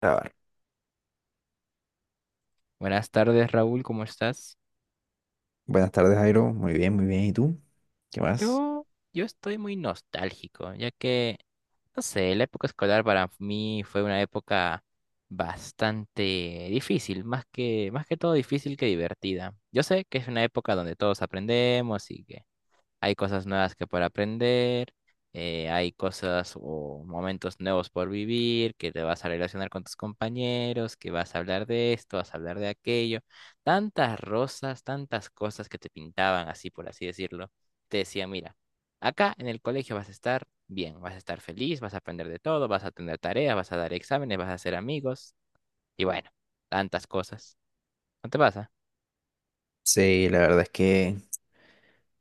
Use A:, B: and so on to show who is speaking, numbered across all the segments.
A: Grabar.
B: Buenas tardes, Raúl, ¿cómo estás?
A: Buenas tardes, Jairo. Muy bien, muy bien. ¿Y tú? ¿Qué más?
B: Yo, yo estoy muy nostálgico, ya que, no sé, la época escolar para mí fue una época bastante difícil, más que todo difícil que divertida. Yo sé que es una época donde todos aprendemos y que hay cosas nuevas que para aprender, hay cosas o momentos nuevos por vivir, que te vas a relacionar con tus compañeros, que vas a hablar de esto, vas a hablar de aquello. Tantas rosas, tantas cosas que te pintaban así, por así decirlo. Te decían, mira, acá en el colegio vas a estar bien, vas a estar feliz, vas a aprender de todo, vas a tener tareas, vas a dar exámenes, vas a hacer amigos y bueno, tantas cosas. ¿No te pasa?
A: Sí, la verdad es que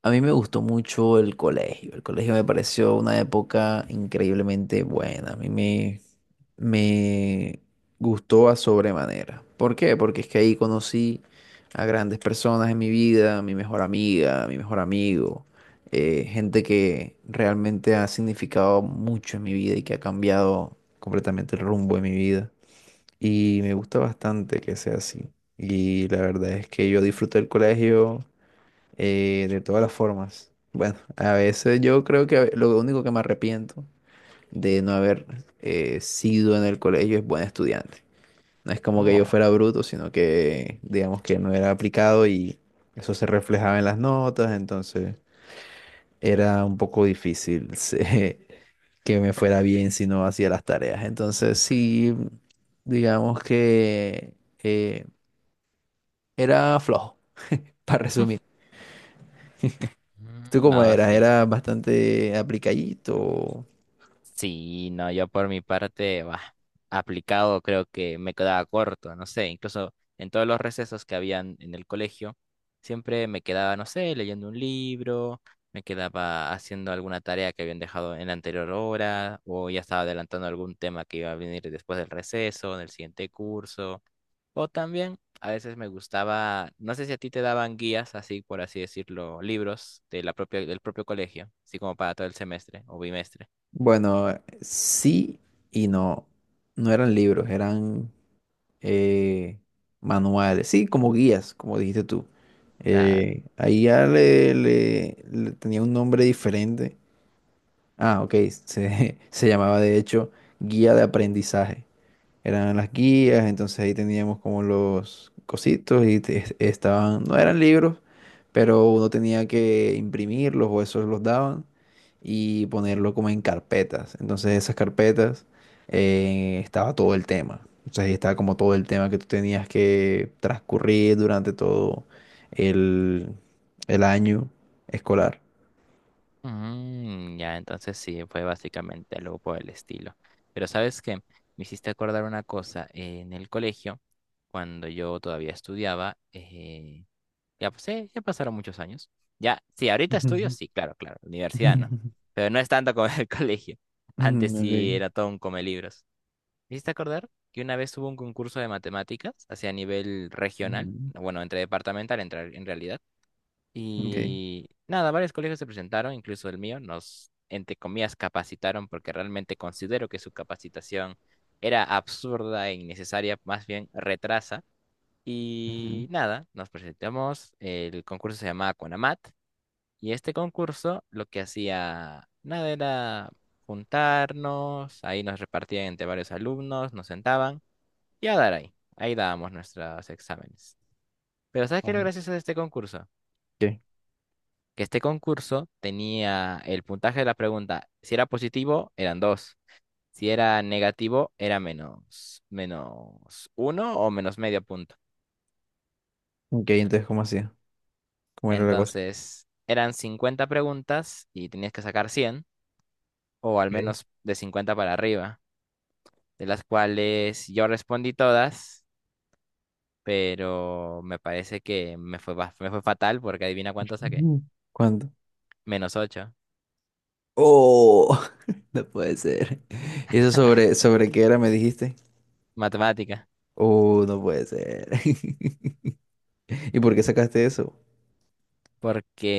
A: a mí me gustó mucho el colegio. El colegio me pareció una época increíblemente buena. A mí me gustó a sobremanera. ¿Por qué? Porque es que ahí conocí a grandes personas en mi vida, a mi mejor amiga, a mi mejor amigo, gente que realmente ha significado mucho en mi vida y que ha cambiado completamente el rumbo de mi vida. Y me gusta bastante que sea así. Y la verdad es que yo disfruto del colegio de todas las formas. Bueno, a veces yo creo que lo único que me arrepiento de no haber sido en el colegio es buen estudiante. No es como que yo
B: Oh.
A: fuera bruto, sino que digamos que no era aplicado y eso se reflejaba en las notas. Entonces, era un poco difícil que me fuera bien si no hacía las tareas. Entonces sí, digamos que eh, era flojo, para resumir. ¿Tú
B: Mm,
A: cómo
B: no,
A: eras?
B: sí.
A: ¿Era bastante aplicadito?
B: Sí, no, yo por mi parte, bah, aplicado creo que me quedaba corto, no sé, incluso en todos los recesos que habían en el colegio, siempre me quedaba, no sé, leyendo un libro, me quedaba haciendo alguna tarea que habían dejado en la anterior hora, o ya estaba adelantando algún tema que iba a venir después del receso, en el siguiente curso, o también a veces me gustaba, no sé si a ti te daban guías, así por así decirlo, libros de la propia, del propio colegio, así como para todo el semestre o bimestre.
A: Bueno, sí y no. No eran libros, eran eh, manuales. Sí, como guías, como dijiste tú.
B: Claro.
A: Ahí ya le tenía un nombre diferente. Ah, ok. Se llamaba de hecho guía de aprendizaje. Eran las guías, entonces ahí teníamos como los cositos y estaban, no eran libros, pero uno tenía que imprimirlos o esos los daban y ponerlo como en carpetas. Entonces esas carpetas estaba todo el tema. O sea, ahí estaba como todo el tema que tú tenías que transcurrir durante todo el, el año escolar.
B: Mm, ya, entonces sí, fue básicamente algo por el estilo. Pero ¿sabes qué? Me hiciste acordar una cosa. En el colegio, cuando yo todavía estudiaba, ya pasaron muchos años. Ya, sí, ahorita estudio,
A: Ujú.
B: sí, claro, claro, universidad,
A: Y ya.
B: ¿no? Pero no es tanto como el colegio. Antes
A: Ujú.
B: sí
A: Ok.
B: era todo un come libros. Me hiciste acordar que una vez hubo un concurso de matemáticas hacia nivel regional,
A: Ujú.
B: bueno, entre departamental en, en realidad.
A: Ok.
B: Y nada, varios colegios se presentaron, incluso el mío, nos, entre comillas, capacitaron porque realmente considero que su capacitación era absurda e innecesaria, más bien retrasa.
A: Ujú.
B: Y nada, nos presentamos, el concurso se llamaba Conamat y este concurso lo que hacía, nada, era juntarnos, ahí nos repartían entre varios alumnos, nos sentaban y a dar ahí, ahí dábamos nuestros exámenes. Pero ¿sabes qué es lo
A: Oh.
B: gracioso de este concurso?
A: Ok,
B: Que este concurso tenía el puntaje de la pregunta. Si era positivo, eran dos. Si era negativo, era menos, menos uno o menos medio punto.
A: ok, entonces, ¿cómo hacía? ¿Cómo era la cosa?
B: Entonces, eran 50 preguntas y tenías que sacar 100 o al
A: Okay.
B: menos de 50 para arriba, de las cuales yo respondí todas, pero me parece que me fue, me fue fatal porque adivina cuánto saqué.
A: Ujú. ¿Cuánto?
B: -8.
A: Oh, no puede ser. ¿Y eso sobre qué era, me dijiste?
B: Matemática.
A: Oh, no puede ser. ¿Y por qué sacaste eso? No
B: Porque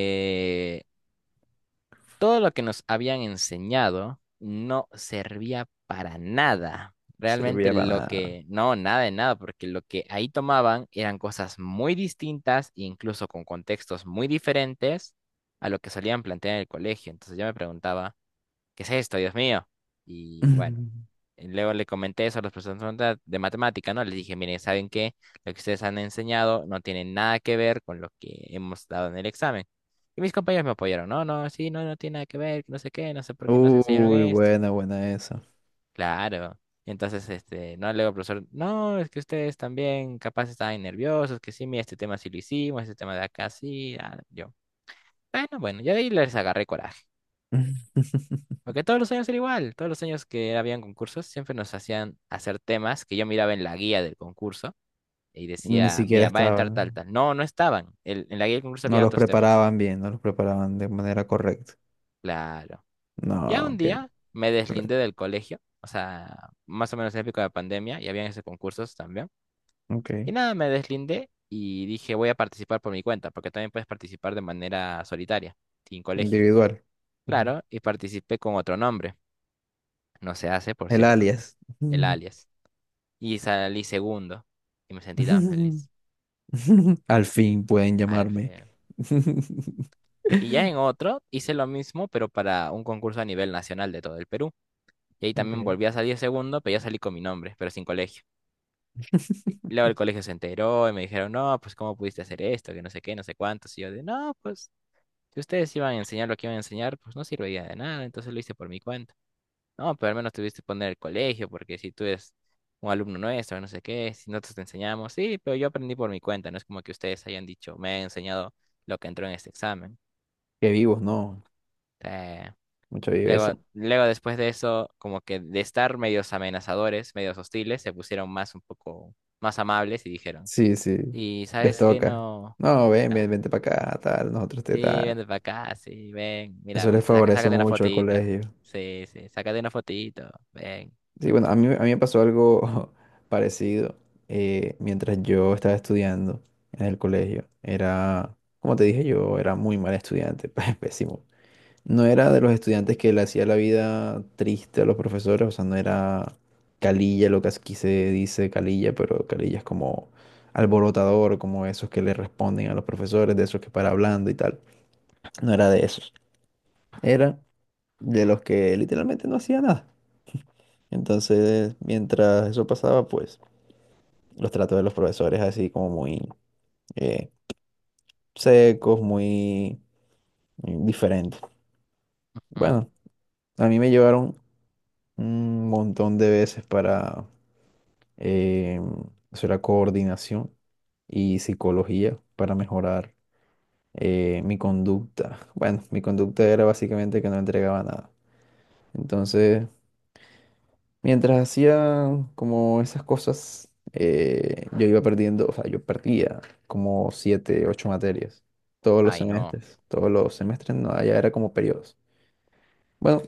B: todo lo que nos habían enseñado no servía para nada. Realmente
A: servía para
B: lo
A: nada.
B: que, no, nada de nada, porque lo que ahí tomaban eran cosas muy distintas, incluso con contextos muy diferentes a lo que solían plantear en el colegio. Entonces yo me preguntaba, ¿qué es esto, Dios mío? Y bueno.
A: Mm.
B: Y luego le comenté eso a los profesores de matemática, ¿no? Les dije, miren, ¿saben qué? Lo que ustedes han enseñado no tiene nada que ver con lo que hemos dado en el examen. Y mis compañeros me apoyaron, no, no, sí, no, no tiene nada que ver, no sé qué, no sé por qué nos enseñaron
A: Uy,
B: esto.
A: buena esa.
B: Claro. Entonces, este, no, luego el profesor, no, es que ustedes también capaz estaban nerviosos, que sí, mira, este tema sí lo hicimos, este tema de acá sí, ah, yo. Bueno, bueno, yo de ahí les agarré coraje. Porque todos los años era igual, todos los años que habían concursos siempre nos hacían hacer temas que yo miraba en la guía del concurso y
A: Ni
B: decía,
A: siquiera
B: mira, va a entrar tal,
A: estaban.
B: tal. No, no estaban. En la guía del concurso
A: No
B: había
A: los
B: otros temas.
A: preparaban bien, no los preparaban de manera correcta.
B: Claro. Ya
A: No,
B: un
A: ok.
B: día me deslindé
A: Correcto.
B: del colegio, o sea, más o menos en época de pandemia y habían esos concursos también.
A: Ok.
B: Y nada, me deslindé y dije, voy a participar por mi cuenta, porque también puedes participar de manera solitaria, sin colegio.
A: Individual.
B: Claro, y participé con otro nombre. No se hace, por
A: El
B: cierto,
A: alias.
B: el alias. Y salí segundo. Y me sentí tan feliz.
A: Al fin pueden
B: Al
A: llamarme.
B: fe- Y ya en otro hice lo mismo, pero para un concurso a nivel nacional de todo el Perú. Y ahí también
A: Okay.
B: volví a salir segundo, pero ya salí con mi nombre, pero sin colegio. Y luego el colegio se enteró y me dijeron, no, pues cómo pudiste hacer esto, que no sé qué, no sé cuántos. Y yo de, no, pues si ustedes iban a enseñar lo que iban a enseñar, pues no serviría de nada, entonces lo hice por mi cuenta. No, pero al menos tuviste que poner el colegio, porque si tú eres un alumno nuestro, no sé qué, si nosotros te enseñamos, sí, pero yo aprendí por mi cuenta, no es como que ustedes hayan dicho, me han enseñado lo que entró en este examen.
A: Que vivos, no.
B: Eh,
A: Mucha viveza.
B: Luego, luego después de eso, como que de estar medios amenazadores, medios hostiles, se pusieron más un poco más amables y dijeron,
A: Sí, sí.
B: ¿y
A: Les
B: sabes qué
A: toca.
B: no?
A: No,
B: Ah,
A: vente para acá, tal, nosotros te
B: sí,
A: tal.
B: ven para acá, sí, ven,
A: Eso
B: mira,
A: les favorece
B: sácate una
A: mucho al
B: fotita.
A: colegio.
B: Sí, sí, sácate una fotito, ven.
A: Sí, bueno, a mí me pasó algo parecido, mientras yo estaba estudiando en el colegio. Era, como te dije, yo era muy mal estudiante, pésimo. No era de los estudiantes que le hacía la vida triste a los profesores, o sea, no era calilla, lo que aquí se dice calilla, pero calilla es como alborotador, como esos que le responden a los profesores, de esos que para hablando y tal. No era de esos. Era de los que literalmente no hacía nada. Entonces, mientras eso pasaba, pues los tratos de los profesores así como muy eh, secos, muy diferentes.
B: Ujú.
A: Bueno, a mí me llevaron un montón de veces para eh, eso era coordinación y psicología para mejorar mi conducta. Bueno, mi conducta era básicamente que no entregaba nada. Entonces, mientras hacía como esas cosas, yo iba perdiendo, o sea, yo perdía como siete, ocho materias
B: Ay, no.
A: todos los semestres, no, allá era como periodos. Bueno,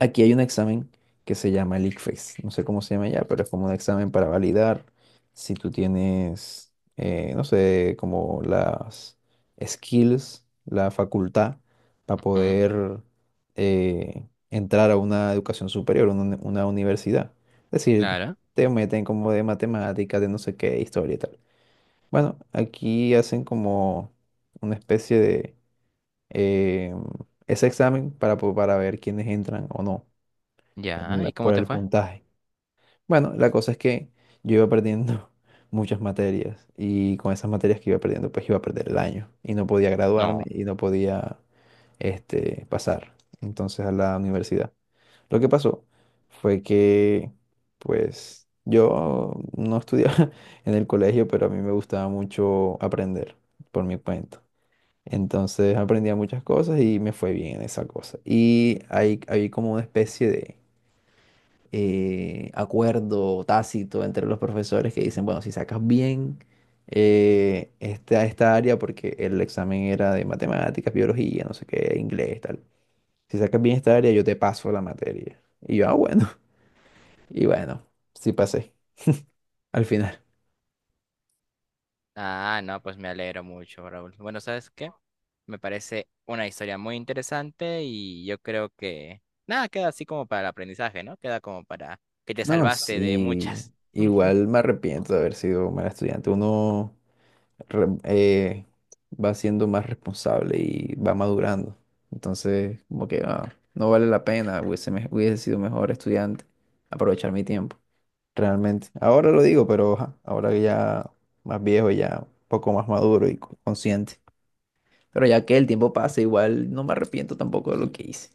A: aquí hay un examen que se llama el ICFES, no sé cómo se llama ya, pero es como un examen para validar si tú tienes, no sé, como las skills, la facultad para poder entrar a una educación superior, una universidad. Es decir,
B: Claro,
A: te meten como de matemáticas, de no sé qué, historia y tal. Bueno, aquí hacen como una especie de eh, ese examen para, para ver quiénes entran o no en
B: ya, ¿y
A: por
B: cómo te
A: el
B: fue?
A: puntaje. Bueno, la cosa es que yo iba perdiendo muchas materias y con esas materias que iba perdiendo, pues iba a perder el año y no podía graduarme
B: No.
A: y no podía este, pasar entonces a la universidad. Lo que pasó fue que, pues, yo no estudiaba en el colegio, pero a mí me gustaba mucho aprender por mi cuenta. Entonces aprendía muchas cosas y me fue bien en esa cosa. Y hay como una especie de acuerdo tácito entre los profesores que dicen, bueno, si sacas bien esta área, porque el examen era de matemáticas, biología, no sé qué, inglés, tal. Si sacas bien esta área, yo te paso la materia. Y yo, ah, bueno, y bueno, sí pasé al final.
B: Ah, no, pues me alegro mucho, Raúl. Bueno, ¿sabes qué? Me parece una historia muy interesante y yo creo que nada, queda así como para el aprendizaje, ¿no? Queda como para que te
A: No,
B: salvaste de
A: sí,
B: muchas.
A: igual me arrepiento de haber sido mal estudiante. Uno re- eh, va siendo más responsable y va madurando. Entonces, como que ah, no vale la pena, hubiese sido mejor estudiante, aprovechar mi tiempo, realmente. Ahora lo digo, pero ajá, ahora que ya más viejo, ya un poco más maduro y consciente. Pero ya que el tiempo pasa, igual no me arrepiento tampoco de lo que hice.